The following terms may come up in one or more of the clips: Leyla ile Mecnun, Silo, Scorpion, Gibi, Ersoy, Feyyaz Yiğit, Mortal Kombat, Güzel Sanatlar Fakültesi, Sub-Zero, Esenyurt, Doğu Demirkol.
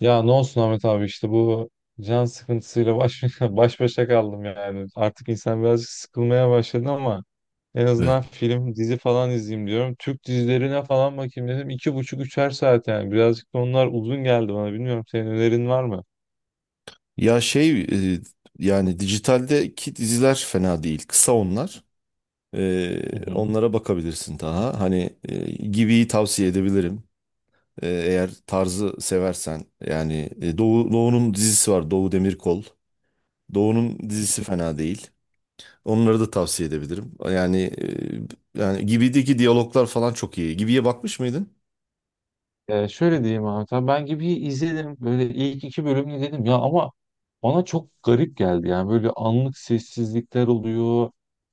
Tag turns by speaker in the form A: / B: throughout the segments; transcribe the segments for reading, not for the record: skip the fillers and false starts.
A: Ya ne olsun Ahmet abi işte bu can sıkıntısıyla baş başa kaldım yani. Artık insan birazcık sıkılmaya başladı ama en
B: Evet.
A: azından film, dizi falan izleyeyim diyorum. Türk dizilerine falan bakayım dedim. 2,5, 3'er saat yani. Birazcık da onlar uzun geldi bana. Bilmiyorum senin önerin var mı?
B: Ya e, yani dijitaldeki diziler fena değil. Kısa onlar. E,
A: Hı hı.
B: Onlara bakabilirsin daha. Hani Gibi'yi tavsiye edebilirim. Eğer tarzı seversen. Yani Doğu'nun dizisi var. Doğu Demirkol. Doğu'nun dizisi fena değil. Onları da tavsiye edebilirim. Yani Gibi'deki diyaloglar falan çok iyi. Gibi'ye bakmış mıydın?
A: Şöyle diyeyim Ahmet abi, tamam, ben gibi izledim böyle, ilk iki bölümünü dedim ya, ama bana çok garip geldi yani. Böyle anlık sessizlikler oluyor.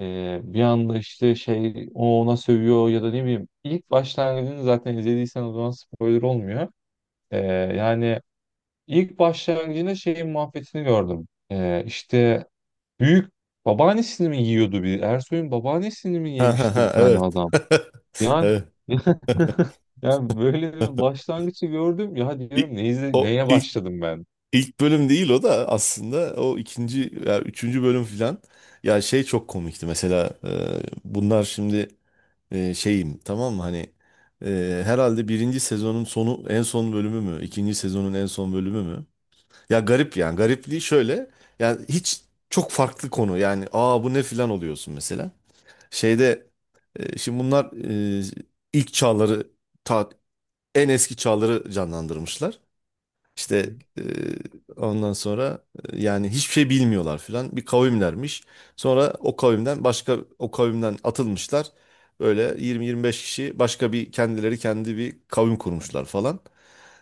A: Bir anda işte şey, o ona sövüyor ya da ne bileyim, ilk başlangıcını zaten izlediysen o zaman spoiler olmuyor. Ee, Yani ilk başlangıcında şeyin muhabbetini gördüm. İşte büyük babaannesini mi yiyordu, bir Ersoy'un babaannesini mi
B: Ha ha
A: yemişti bir
B: ha,
A: tane
B: evet.
A: adam, yani
B: Evet.
A: yani böyle bir başlangıcı gördüm ya,
B: İ-
A: diyorum
B: O
A: neye
B: ilk
A: başladım ben?
B: İlk bölüm değil o da aslında, o ikinci ya üçüncü bölüm filan. Ya şey çok komikti mesela, bunlar şimdi, şeyim, tamam mı? Hani herhalde birinci sezonun sonu en son bölümü mü, ikinci sezonun en son bölümü mü. Ya garip, yani garipliği şöyle. Yani hiç, çok farklı konu, yani bu ne filan oluyorsun mesela. Şeyde, şimdi bunlar, e, ilk çağları, ta en eski çağları canlandırmışlar. İşte ondan sonra, yani hiçbir şey bilmiyorlar filan. Bir kavimlermiş. Sonra o kavimden başka o kavimden atılmışlar. Böyle 20-25 kişi başka bir kendileri kendi bir kavim kurmuşlar falan.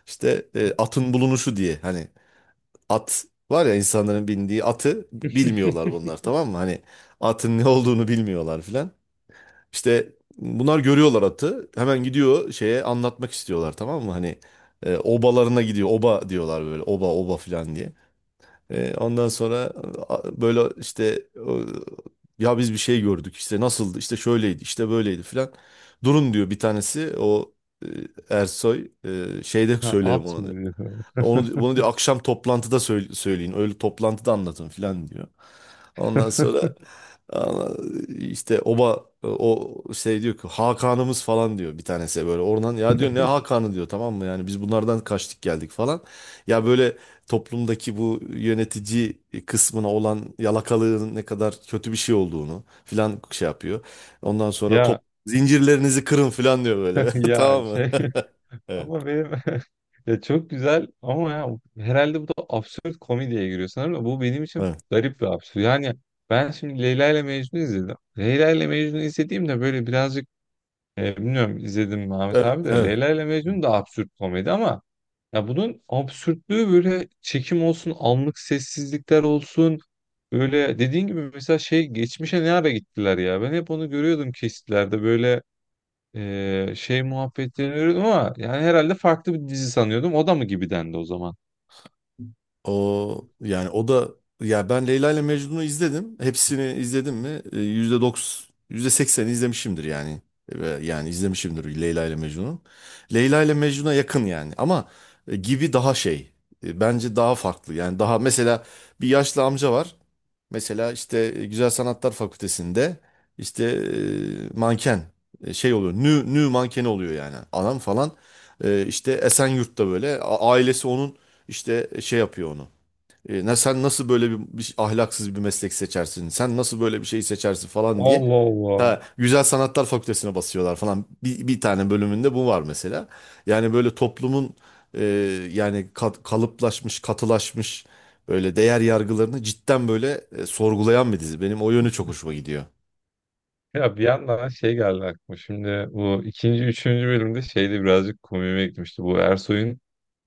B: İşte atın bulunuşu diye, hani at var ya, insanların bindiği atı bilmiyorlar bunlar, tamam mı? Hani atın ne olduğunu bilmiyorlar filan. İşte bunlar görüyorlar atı. Hemen gidiyor, şeye anlatmak istiyorlar, tamam mı? Hani obalarına gidiyor. Oba diyorlar böyle. Oba oba filan diye. Ondan sonra, böyle işte o, ya biz bir şey gördük. İşte nasıldı? İşte şöyleydi. İşte böyleydi filan. Durun diyor bir tanesi. O e, Ersoy şeyde
A: Ha,
B: söylerim
A: at
B: onu
A: mı
B: diyor.
A: diyor.
B: Onu, bunu diyor, akşam toplantıda söyleyin. Öyle toplantıda anlatın filan diyor. Ondan sonra Aa, işte oba o şey diyor ki Hakan'ımız falan diyor bir tanesi, böyle oradan ya diyor ne Hakan'ı diyor, tamam mı? Yani biz bunlardan kaçtık geldik falan. Ya böyle toplumdaki bu yönetici kısmına olan yalakalığın ne kadar kötü bir şey olduğunu filan şey yapıyor. Ondan sonra
A: Ya
B: zincirlerinizi kırın filan diyor böyle,
A: ya
B: tamam mı?
A: şey
B: Evet,
A: ama benim ya, çok güzel ama, ya herhalde bu da absürt komediye giriyor sanırım, da bu benim için
B: evet,
A: garip bir absürt. Yani ben şimdi Leyla ile Mecnun izledim. Leyla ile Mecnun izlediğimde böyle birazcık, bilmiyorum izledim mi Ahmet
B: evet,
A: abi de,
B: evet.
A: Leyla ile Mecnun da absürt komedi ama ya, bunun absürtlüğü böyle çekim olsun, anlık sessizlikler olsun. Böyle dediğin gibi mesela şey, geçmişe ne ara gittiler ya. Ben hep onu görüyordum kesitlerde, böyle şey muhabbetlerini görüyordum ama, yani herhalde farklı bir dizi sanıyordum. O da mı gibi dendi o zaman?
B: O yani o da, ya ben Leyla ile Mecnun'u izledim. Hepsini izledim mi? %90, %80 izlemişimdir yani. Ve yani izlemişimdir Leyla ile Mecnun'u. Leyla ile Mecnun'a yakın yani, ama gibi daha şey. Bence daha farklı. Yani daha mesela, bir yaşlı amca var. Mesela işte Güzel Sanatlar Fakültesi'nde, işte manken şey oluyor. Nü nü mankeni oluyor yani. Adam falan, işte Esenyurt'ta böyle ailesi onun, işte şey yapıyor onu. Ne, sen nasıl böyle bir ahlaksız bir meslek seçersin? Sen nasıl böyle bir şey seçersin falan diye.
A: Allah Allah.
B: Ha, Güzel Sanatlar Fakültesine basıyorlar falan. Bir tane bölümünde bu var mesela. Yani böyle toplumun, e, yani kalıplaşmış, katılaşmış böyle değer yargılarını cidden böyle sorgulayan bir dizi. Benim o yönü çok hoşuma gidiyor.
A: Ya bir yandan şey geldi aklıma. Şimdi bu ikinci, üçüncü bölümde şeyde birazcık komiğime gitmişti. Bu Ersoy'un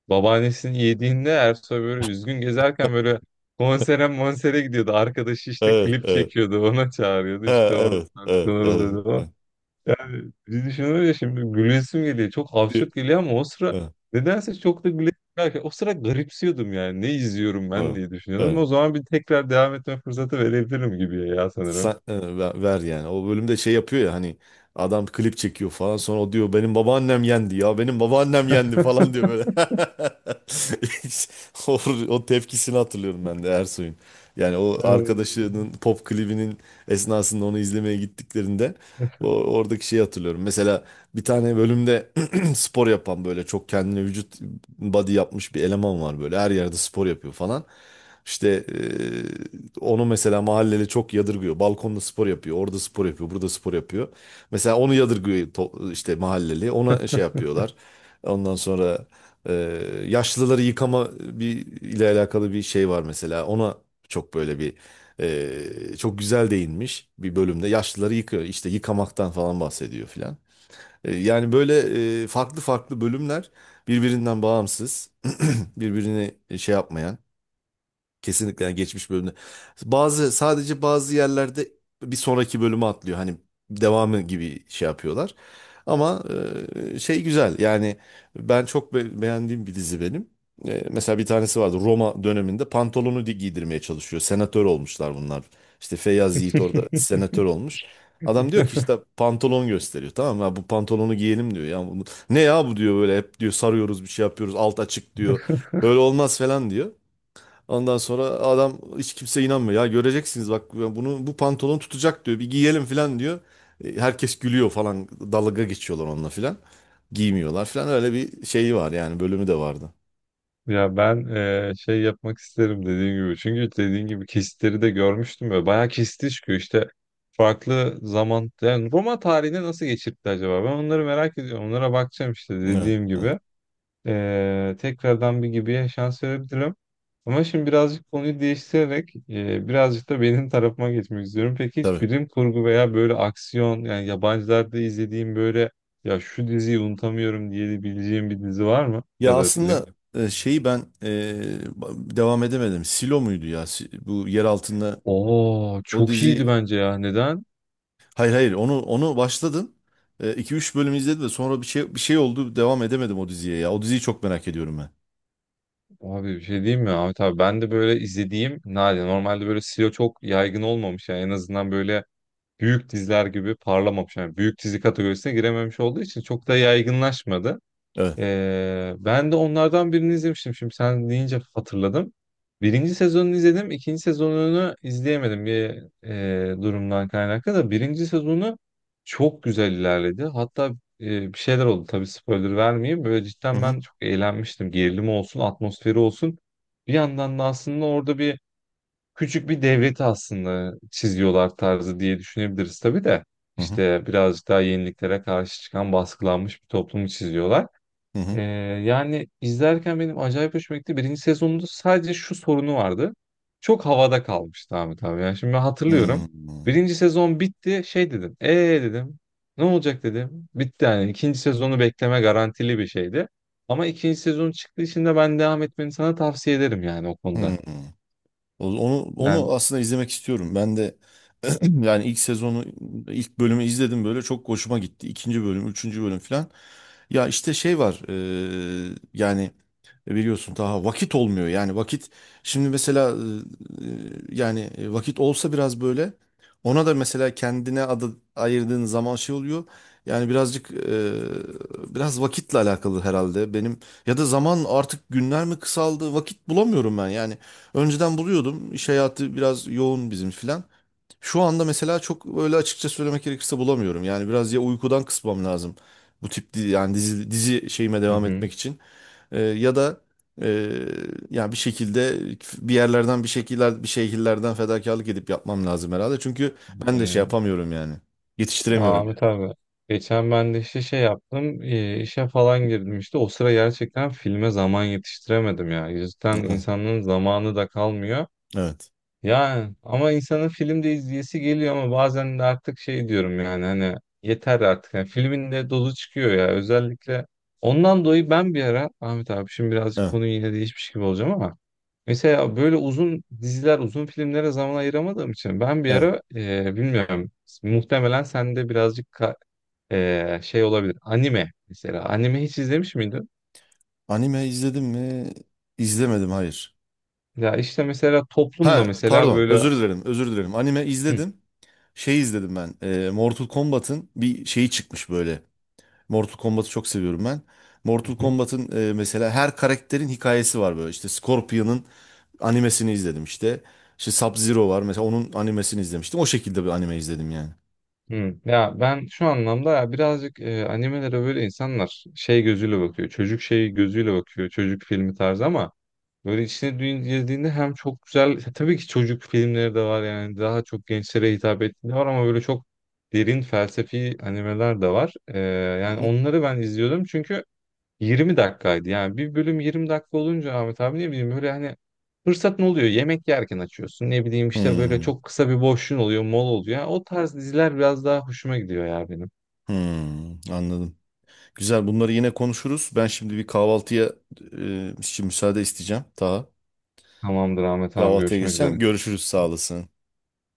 A: babaannesinin yediğinde Ersoy böyle üzgün gezerken böyle konsere monsere gidiyordu. Arkadaşı işte
B: Evet,
A: klip
B: evet.
A: çekiyordu. Ona çağırıyordu.
B: Ha,
A: İşte orada
B: evet, evet,
A: tartışmalar
B: evet.
A: oluyordu falan.
B: Evet.
A: Hani biz düşünüyoruz ya, şimdi gülesim geliyor. Çok
B: Di-
A: absürt geliyor ama o sıra
B: evet,
A: nedense çok da gülesim gelmiyor. O sıra garipsiyordum yani. Ne izliyorum ben,
B: evet.
A: diye düşünüyordum.
B: Evet.
A: O zaman bir tekrar devam etme fırsatı verebilirim gibi ya, sanırım.
B: Ver, ver yani. O bölümde şey yapıyor ya, hani adam klip çekiyor falan, sonra o diyor benim babaannem yendi ya, benim babaannem yendi falan diyor böyle. O, o tepkisini hatırlıyorum ben de Ersoy'un. Yani o arkadaşının pop klibinin esnasında onu izlemeye gittiklerinde, o, oradaki şeyi hatırlıyorum. Mesela bir tane bölümde spor yapan, böyle çok kendine vücut, body yapmış bir eleman var, böyle her yerde spor yapıyor falan. İşte onu mesela mahalleli çok yadırgıyor. Balkonda spor yapıyor, orada spor yapıyor, burada spor yapıyor. Mesela onu yadırgıyor işte mahalleli. Ona şey yapıyorlar. Ondan sonra, ee, yaşlıları yıkama bir ile alakalı bir şey var mesela. Ona çok böyle bir, çok güzel değinmiş bir bölümde. Yaşlıları yıkıyor, işte yıkamaktan falan bahsediyor filan. Yani böyle, farklı farklı bölümler, birbirinden bağımsız, birbirini şey yapmayan. Kesinlikle yani geçmiş bölümde. Bazı, sadece bazı yerlerde bir sonraki bölümü atlıyor. Hani devamı gibi şey yapıyorlar. Ama şey güzel. Yani ben çok beğendiğim bir dizi benim. Mesela bir tanesi vardı, Roma döneminde pantolonu giydirmeye çalışıyor. Senatör olmuşlar bunlar. İşte Feyyaz Yiğit orada
A: Ee,
B: senatör olmuş. Adam diyor ki işte pantolon gösteriyor, tamam mı? Ya bu pantolonu giyelim diyor. Ya bunu, ne ya bu diyor böyle, hep diyor sarıyoruz bir şey yapıyoruz alt açık diyor. Böyle olmaz falan diyor. Ondan sonra adam, hiç kimse inanmıyor. Ya göreceksiniz bak bunu, bu pantolon tutacak diyor. Bir giyelim falan diyor. Herkes gülüyor falan. Dalga geçiyorlar onunla falan. Giymiyorlar falan. Öyle bir şeyi var, yani bölümü de vardı.
A: Ya ben, şey yapmak isterim dediğim gibi. Çünkü dediğin gibi kesitleri de görmüştüm ve bayağı kesiti çıkıyor. İşte farklı zaman, yani Roma tarihini nasıl geçirdi acaba? Ben onları merak ediyorum. Onlara bakacağım işte,
B: Evet,
A: dediğim
B: evet,
A: gibi. Tekrardan bir gibiye şans verebilirim. Ama şimdi birazcık konuyu değiştirerek, birazcık da benim tarafıma geçmek istiyorum. Peki hiç
B: tabii.
A: bilim kurgu veya böyle aksiyon, yani yabancılarda izlediğim böyle, ya şu diziyi unutamıyorum diyebileceğim bir dizi var mı? Ya
B: Ya
A: da film?
B: aslında şeyi ben, devam edemedim. Silo muydu ya? Bu yer altında
A: Oo,
B: o
A: çok iyiydi
B: dizi.
A: bence ya. Neden?
B: Hayır hayır, onu başladım. İki üç bölüm izledim de sonra bir şey oldu. Devam edemedim o diziye ya. O diziyi çok merak ediyorum ben.
A: Abi bir şey diyeyim mi Ahmet abi, ben de böyle izlediğim nadir. Normalde böyle silo çok yaygın olmamış, yani en azından böyle büyük diziler gibi parlamamış. Yani büyük dizi kategorisine girememiş olduğu için çok da yaygınlaşmadı.
B: Evet.
A: Ben de onlardan birini izlemiştim. Şimdi sen deyince hatırladım. Birinci sezonunu izledim. İkinci sezonunu izleyemedim, bir durumdan kaynaklı da. Birinci sezonu çok güzel ilerledi. Hatta bir şeyler oldu. Tabii spoiler vermeyeyim. Böyle
B: Hı
A: cidden
B: hı.
A: ben çok eğlenmiştim. Gerilimi olsun, atmosferi olsun. Bir yandan da aslında orada bir küçük bir devleti aslında çiziyorlar tarzı, diye düşünebiliriz tabii de.
B: Hı hı.
A: İşte birazcık daha yeniliklere karşı çıkan, baskılanmış bir toplumu çiziyorlar.
B: Hı hı.
A: Ee, Yani izlerken benim acayip hoşuma gitti. Birinci sezonunda sadece şu sorunu vardı. Çok havada kalmıştı Ahmet abi. Yani şimdi ben hatırlıyorum.
B: Hmm.
A: Birinci sezon bitti. Şey dedim. Dedim. Ne olacak dedim. Bitti yani. İkinci sezonu bekleme garantili bir şeydi. Ama ikinci sezon çıktığı için de ben devam etmeni sana tavsiye ederim yani, o
B: Hmm.
A: konuda.
B: Onu
A: Yani
B: onu aslında izlemek istiyorum. Ben de yani ilk sezonu, ilk bölümü izledim, böyle çok hoşuma gitti. İkinci bölüm, üçüncü bölüm falan. Ya işte şey var, yani biliyorsun daha vakit olmuyor. Yani vakit, şimdi mesela yani vakit olsa biraz böyle, ona da mesela kendine adı ayırdığın zaman şey oluyor. Yani birazcık, biraz vakitle alakalı herhalde benim, ya da zaman artık günler mi kısaldı, vakit bulamıyorum ben yani. Önceden buluyordum, iş hayatı biraz yoğun bizim filan. Şu anda mesela çok öyle, açıkça söylemek gerekirse bulamıyorum. Yani biraz, ya uykudan kısmam lazım. Bu tip yani dizi şeyime devam
A: hı
B: etmek için. Ya da e, yani bir şekilde, bir yerlerden bir şekiller, bir şekillerden fedakarlık edip yapmam lazım herhalde. Çünkü ben de şey
A: hı.
B: yapamıyorum yani.
A: Ya
B: Yetiştiremiyorum
A: Ahmet
B: yani.
A: abi, geçen ben de işte şey yaptım, işe falan girdim. İşte o sıra gerçekten filme zaman yetiştiremedim ya. Cidden
B: Evet.
A: insanların zamanı da kalmıyor.
B: Evet.
A: Yani ama insanın filmde izleyesi geliyor, ama bazen de artık şey diyorum yani, hani yeter artık. Yani filmin de dolu çıkıyor ya özellikle. Ondan dolayı ben bir ara Ahmet abi, şimdi birazcık
B: Evet.
A: konuyu yine değişmiş gibi olacağım ama, mesela böyle uzun diziler, uzun filmlere zaman ayıramadığım için ben bir
B: Evet.
A: ara, bilmiyorum, muhtemelen sende birazcık şey olabilir. Anime mesela. Anime hiç izlemiş miydin?
B: Anime izledim mi? İzlemedim, hayır.
A: Ya işte mesela toplumda
B: Ha
A: mesela
B: pardon,
A: böyle,
B: özür dilerim özür dilerim. Anime
A: hı,
B: izledim. Şey izledim ben, Mortal Kombat'ın bir şeyi çıkmış böyle. Mortal Kombat'ı çok seviyorum ben.
A: hı
B: Mortal
A: hı.
B: Kombat'ın mesela her karakterin hikayesi var böyle. İşte Scorpion'ın animesini izledim işte. İşte Sub-Zero var mesela, onun animesini izlemiştim. O şekilde bir anime izledim yani.
A: Hı. Ya ben şu anlamda, ya birazcık animelere böyle insanlar şey gözüyle bakıyor. Çocuk şeyi gözüyle bakıyor. Çocuk filmi tarzı ama böyle içine girdiğinde hem çok güzel, tabii ki çocuk filmleri de var yani, daha çok gençlere hitap ettiği de var ama böyle çok derin felsefi animeler de var.
B: Hı
A: Yani
B: hı.
A: onları ben izliyordum, çünkü 20 dakikaydı. Yani bir bölüm 20 dakika olunca Ahmet abi, ne bileyim böyle, hani fırsat ne oluyor. Yemek yerken açıyorsun. Ne bileyim işte böyle
B: Hmm,
A: çok kısa bir boşluğun oluyor, mol oluyor. Yani o tarz diziler biraz daha hoşuma gidiyor ya, benim.
B: hmm, anladım. Güzel, bunları yine konuşuruz. Ben şimdi bir kahvaltıya için müsaade isteyeceğim. Daha
A: Tamamdır Ahmet abi,
B: kahvaltıya
A: görüşmek üzere.
B: geçeceğim. Görüşürüz, sağ olasın.